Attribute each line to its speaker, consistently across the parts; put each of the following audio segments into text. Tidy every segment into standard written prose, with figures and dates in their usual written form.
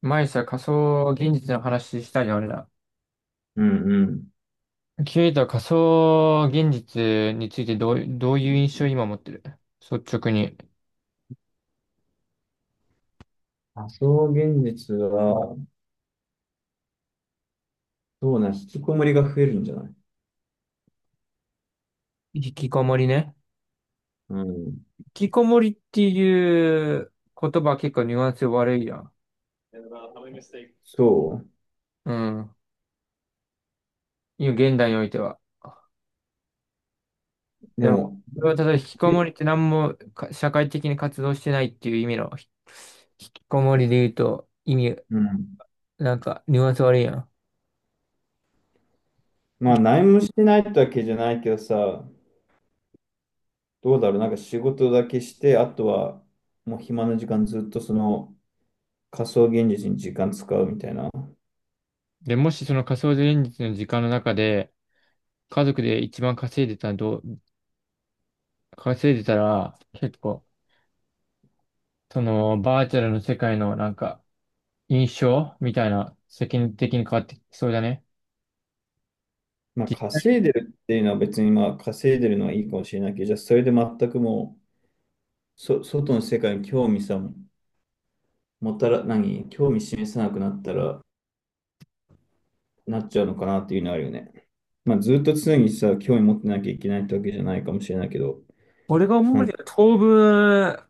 Speaker 1: 前さ、仮想現実の話したじゃん、俺ら。
Speaker 2: うんうん。
Speaker 1: ケイタは仮想現実についてどういう印象を今持ってる率直に。
Speaker 2: 仮想現実は、そうな、引きこもりが増えるんじゃない？
Speaker 1: 引きこもりね。
Speaker 2: うん。
Speaker 1: 引きこもりっていう言葉は結構ニュアンス悪いやん。
Speaker 2: そ
Speaker 1: うん。今、現代においては。
Speaker 2: う。で
Speaker 1: でも、
Speaker 2: も、
Speaker 1: それはただ引きこ
Speaker 2: え
Speaker 1: もりって何もか社会的に活動してないっていう意味の引きこもりで言うと意味、
Speaker 2: うん。
Speaker 1: なんかニュアンス悪いやん。
Speaker 2: まあ、何もしてないってわけじゃないけどさ、どうだろう、なんか仕事だけして、あとは、もう暇な時間ずっとその仮想現実に時間使うみたいな。
Speaker 1: で、もしその仮想現実の時間の中で、家族で一番稼いでたら、結構、その、バーチャルの世界のなんか、印象みたいな、世間的に変わってきそうだね。
Speaker 2: まあ、
Speaker 1: 実際、
Speaker 2: 稼いでるっていうのは別に、まあ、稼いでるのはいいかもしれないけど、じゃあ、それで全くもう、外の世界に興味さ、もたら、興味示さなくなったら、なっちゃうのかなっていうのはあるよね。まあ、ずっと常にさ、興味持ってなきゃいけないってわけじゃないかもしれないけど、
Speaker 1: 俺が
Speaker 2: な
Speaker 1: 思う
Speaker 2: ん
Speaker 1: に
Speaker 2: か
Speaker 1: は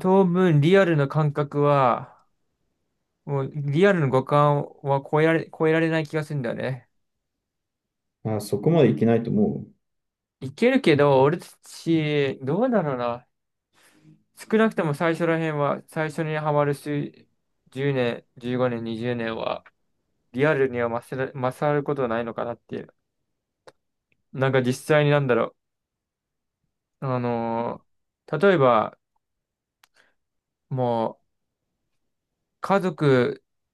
Speaker 1: 当分リアルな感覚は、もうリアルの五感は超えられない気がするんだよね。
Speaker 2: あ、そこまでいけないと思
Speaker 1: いけるけど、俺たち、どうだろうな。少なくとも最初ら辺は、最初にハマる数、10年、15年、20年は、リアルには勝ることはないのかなっていう。なんか実際になんだろう。例えば、もう、家族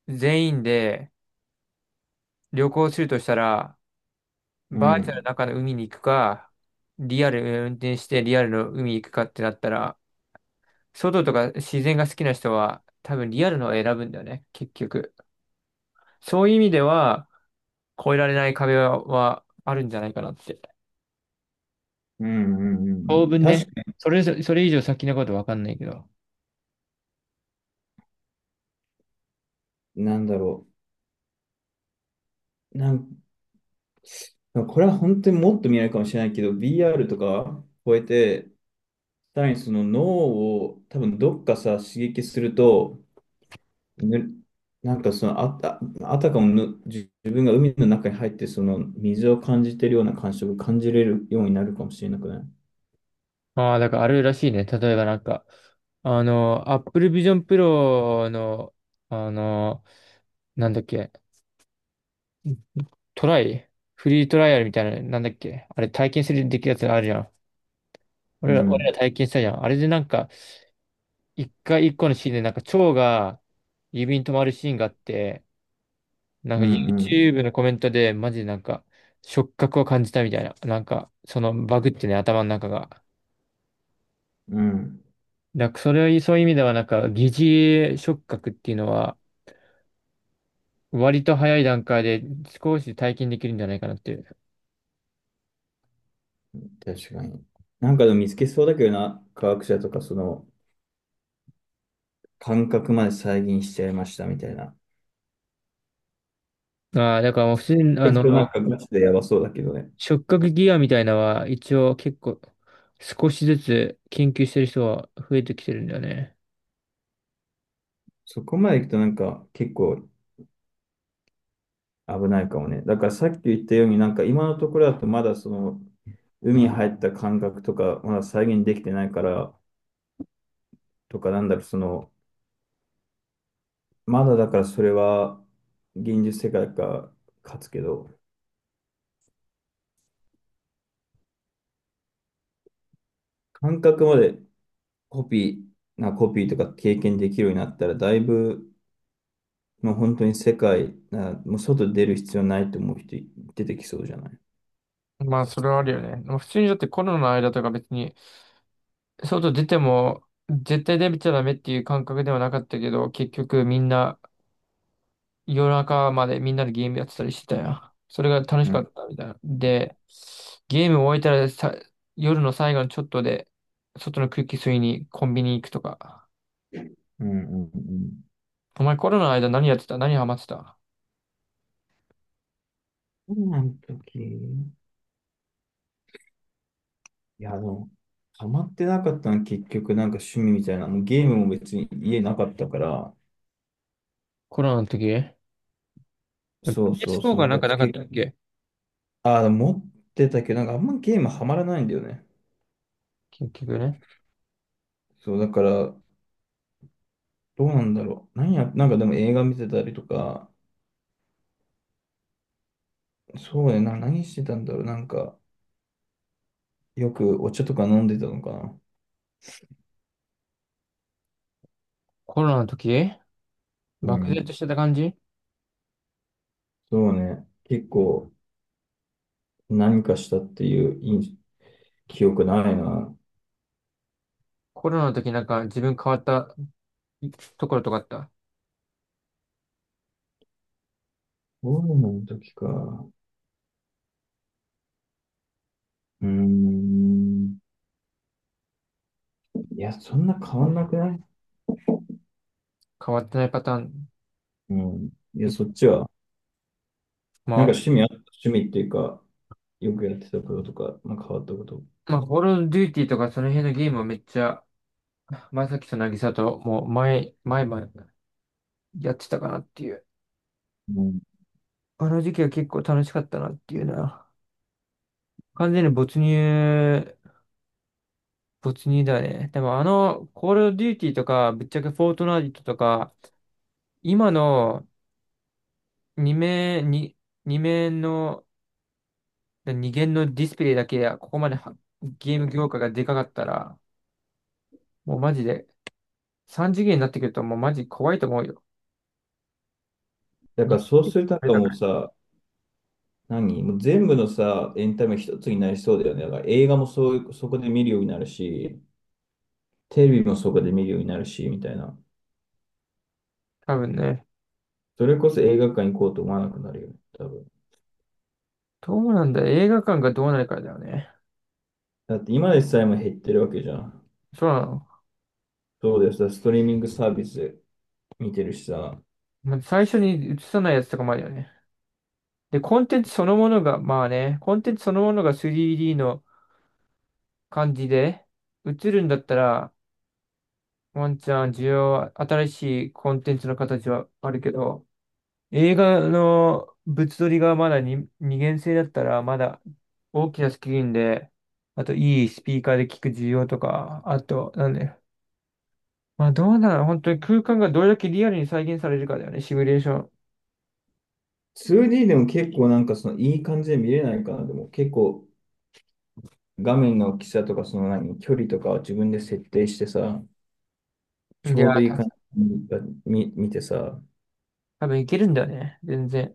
Speaker 1: 全員で旅行するとしたら、
Speaker 2: う。う
Speaker 1: バーチャルの
Speaker 2: ん。
Speaker 1: 中の海に行くか、リアル運転してリアルの海に行くかってなったら、外とか自然が好きな人は多分リアルのを選ぶんだよね、結局。そういう意味では、越えられない壁はあるんじゃないかなって。
Speaker 2: うんうんう
Speaker 1: 当
Speaker 2: ん。
Speaker 1: 分
Speaker 2: 確
Speaker 1: ね、
Speaker 2: か
Speaker 1: それ以上先のことわかんないけど。
Speaker 2: に、なんだろう。これは本当にもっと未来かもしれないけど、b r とか超えて、さらにその脳を多分どっかさ、刺激すると、ぬなんかそのあたかも自分が海の中に入って、その水を感じてるような感触を感じれるようになるかもしれなくない？
Speaker 1: ああ、だからあるらしいね。例えばなんか、あの、Apple Vision Pro の、あの、なんだっけ、トライフリートライアルみたいな、なんだっけあれ体験するできるやつあるじゃん。
Speaker 2: う
Speaker 1: 俺ら
Speaker 2: ん。
Speaker 1: 体験したじゃん。あれでなんか、一個のシーンでなんか蝶が指に止まるシーンがあって、なん
Speaker 2: う
Speaker 1: か
Speaker 2: んうん。
Speaker 1: YouTube のコメントでマジでなんか、触覚を感じたみたいな。なんか、そのバグってね、頭の中が。
Speaker 2: うん。
Speaker 1: だからそれは、そういう意味ではなんか、疑似触覚っていうのは、割と早い段階で少し体験できるんじゃないかなっていう。
Speaker 2: 確かに。なんかでも見つけそうだけどな、科学者とかその感覚まで再現しちゃいましたみたいな。
Speaker 1: ああ、だからもう普
Speaker 2: そこ
Speaker 1: 通に、
Speaker 2: ま
Speaker 1: あ
Speaker 2: で行
Speaker 1: の、
Speaker 2: くとなんかガチでやばそうだけどね。
Speaker 1: 触覚ギアみたいなのは一応結構少しずつ研究してる人は増えてきてるんだよね。
Speaker 2: そこまで行くとなんか結構危ないかもね。だからさっき言ったようになんか今のところだとまだその海に入った感覚とかまだ再現できてないからとかなんだろうそのまだだからそれは現実世界か勝つけど感覚までコピコピーとか経験できるようになったら、だいぶ、まあ、本当に世界、なもう外出る必要ないと思う人出てきそうじゃない？
Speaker 1: まあ、それはあるよね。まあ普通にだってコロナの間とか別に、外出ても絶対出ちゃダメっていう感覚ではなかったけど、結局みんな、夜中までみんなでゲームやってたりしてたよ。それが楽し
Speaker 2: う
Speaker 1: か
Speaker 2: ん、
Speaker 1: ったみたいな。で、ゲーム終えたらさ、夜の最後のちょっとで、外の空気吸いにコンビニ行くとか。
Speaker 2: うん、うん、うん。
Speaker 1: お前コロナの間何やってた何ハマってた。
Speaker 2: 今の時、いや、でも、ハマってなかったの結局なんか趣味みたいな、もうゲームも別に家なかったから、
Speaker 1: コロナの時、
Speaker 2: そうそう
Speaker 1: PS4
Speaker 2: そう、な
Speaker 1: が
Speaker 2: ん
Speaker 1: なん
Speaker 2: か
Speaker 1: か
Speaker 2: つ
Speaker 1: なかっ
Speaker 2: け、
Speaker 1: たっけ。
Speaker 2: ああ、持ってたけど、なんかあんまゲームハマらないんだよね。
Speaker 1: 結局ね。
Speaker 2: そう、だから、どうなんだろう。なんかでも映画見てたりとか、そうね、何してたんだろう。なんか、よくお茶とか飲んでたのかな。
Speaker 1: コロナの時、
Speaker 2: う
Speaker 1: 漠
Speaker 2: ん。
Speaker 1: 然としてた感じ。
Speaker 2: そうね。結構何かしたっていう印記憶ないな。
Speaker 1: コロナの時なんか自分変わったところとかあった。
Speaker 2: コロナの時か。うーん。いや、そんな変わんなくない？
Speaker 1: 変わってないパターン。
Speaker 2: うん。いや、そっちは。な
Speaker 1: ま
Speaker 2: んか
Speaker 1: あ、
Speaker 2: 趣味あった、趣味っていうか、よくやってたこととか、まあ、変わったこと。
Speaker 1: まあ、コールオブデューティーとかその辺のゲームはめっちゃ前崎と渚ともう前々やってたかなっていう。
Speaker 2: うん。
Speaker 1: あの時期は結構楽しかったなっていうな。完全に没入、没入だね。でもあの、コールドデューティーとか、ぶっちゃけフォートナイトとか、今の2面、に二面の、2限のディスプレイだけや、ここまではゲーム業界がでかかったら、もうマジで、3次元になってくるともうマジ怖いと思うよ。
Speaker 2: だか
Speaker 1: に
Speaker 2: らそうするとなんか
Speaker 1: だか
Speaker 2: もう
Speaker 1: ら、
Speaker 2: さ、何もう全部のさ、エンタメ一つになりそうだよね。だから映画もそう、そこで見るようになるし、テレビもそこで見るようになるし、みたいな。
Speaker 1: 多分ね。
Speaker 2: それこそ映画館行こうと思わなくなるよね、多分。
Speaker 1: どうなんだ、映画館がどうなるかだよね。
Speaker 2: だって今でさえも減ってるわけじゃん。
Speaker 1: そうなの。
Speaker 2: そうです。ストリーミングサービスで見てるしさ。
Speaker 1: まあ最初に映さないやつとかもあるよね。で、コンテンツそのものが 3D の感じで映るんだったら、ワンチャン需要は、新しいコンテンツの形はあるけど、映画の物撮りがまだに二元性だったら、まだ大きなスクリーンで、あといいスピーカーで聞く需要とか、あと、なんだよ。まあどうなの本当に空間がどれだけリアルに再現されるかだよね、シミュレーショ
Speaker 2: 2D でも結構なんかそのいい感じで見れないかな。でも結構画面の大きさとかその距離とかを自分で設定してさ、
Speaker 1: ン。
Speaker 2: ちょうどいい感じに見てさ、
Speaker 1: 多分いけるんだよね、全然。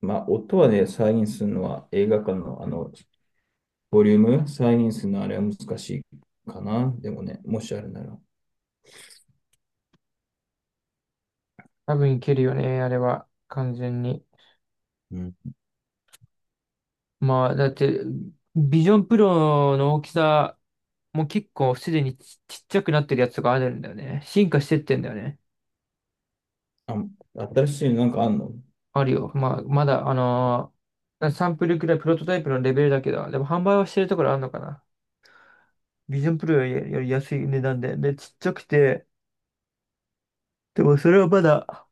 Speaker 2: まあ音はね、再現するのは映画館のあの、ボリューム、再現するのはあれは難しいかな。でもね、もしあるなら。
Speaker 1: 多分いけるよね、あれは。完全に。
Speaker 2: うん。
Speaker 1: まあ、だって、ビジョンプロの大きさもう結構すでにちっちゃくなってるやつがあるんだよね。進化してってんだよね。
Speaker 2: あ、新しいのなんかあんの？
Speaker 1: あるよ。まあ、まだ、サンプルくらいプロトタイプのレベルだけど、でも販売はしてるところあるのかな。ビジョンプロより、より安い値段で、で、ちっちゃくて、でもそれはまだ、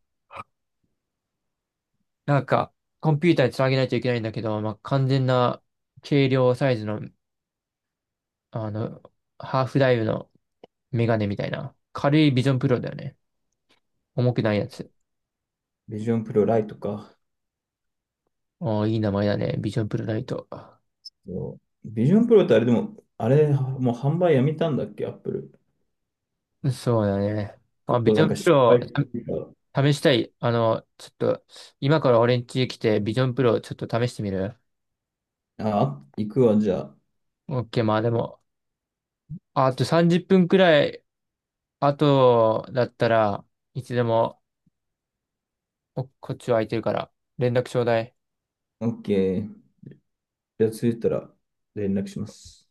Speaker 1: なんか、コンピューターにつなげないといけないんだけど、まあ、完全な軽量サイズの、あの、ハーフダイブのメガネみたいな。軽いビジョンプロだよね。重くないやつ。
Speaker 2: ビジョンプロライトか。
Speaker 1: ああ、いい名前だね。ビジョンプロライト。
Speaker 2: ビジョンプロってあれでも、あれ、もう販売やめたんだっけ、アップル。
Speaker 1: そうだね。まあ、
Speaker 2: 結
Speaker 1: ビ
Speaker 2: 構
Speaker 1: ジ
Speaker 2: な
Speaker 1: ョ
Speaker 2: ん
Speaker 1: ン
Speaker 2: か
Speaker 1: プ
Speaker 2: 失
Speaker 1: ロ
Speaker 2: 敗
Speaker 1: を
Speaker 2: してた。
Speaker 1: た試したい。あの、ちょっと、今から俺ん家来て、ビジョンプロをちょっと試してみる？
Speaker 2: あ、行くわ、じゃあ。
Speaker 1: OK、まあでも、あと30分くらい、あとだったらいつでも、おこっちは空いてるから、連絡ちょうだい。
Speaker 2: OK。じゃあ、着いたら連絡します。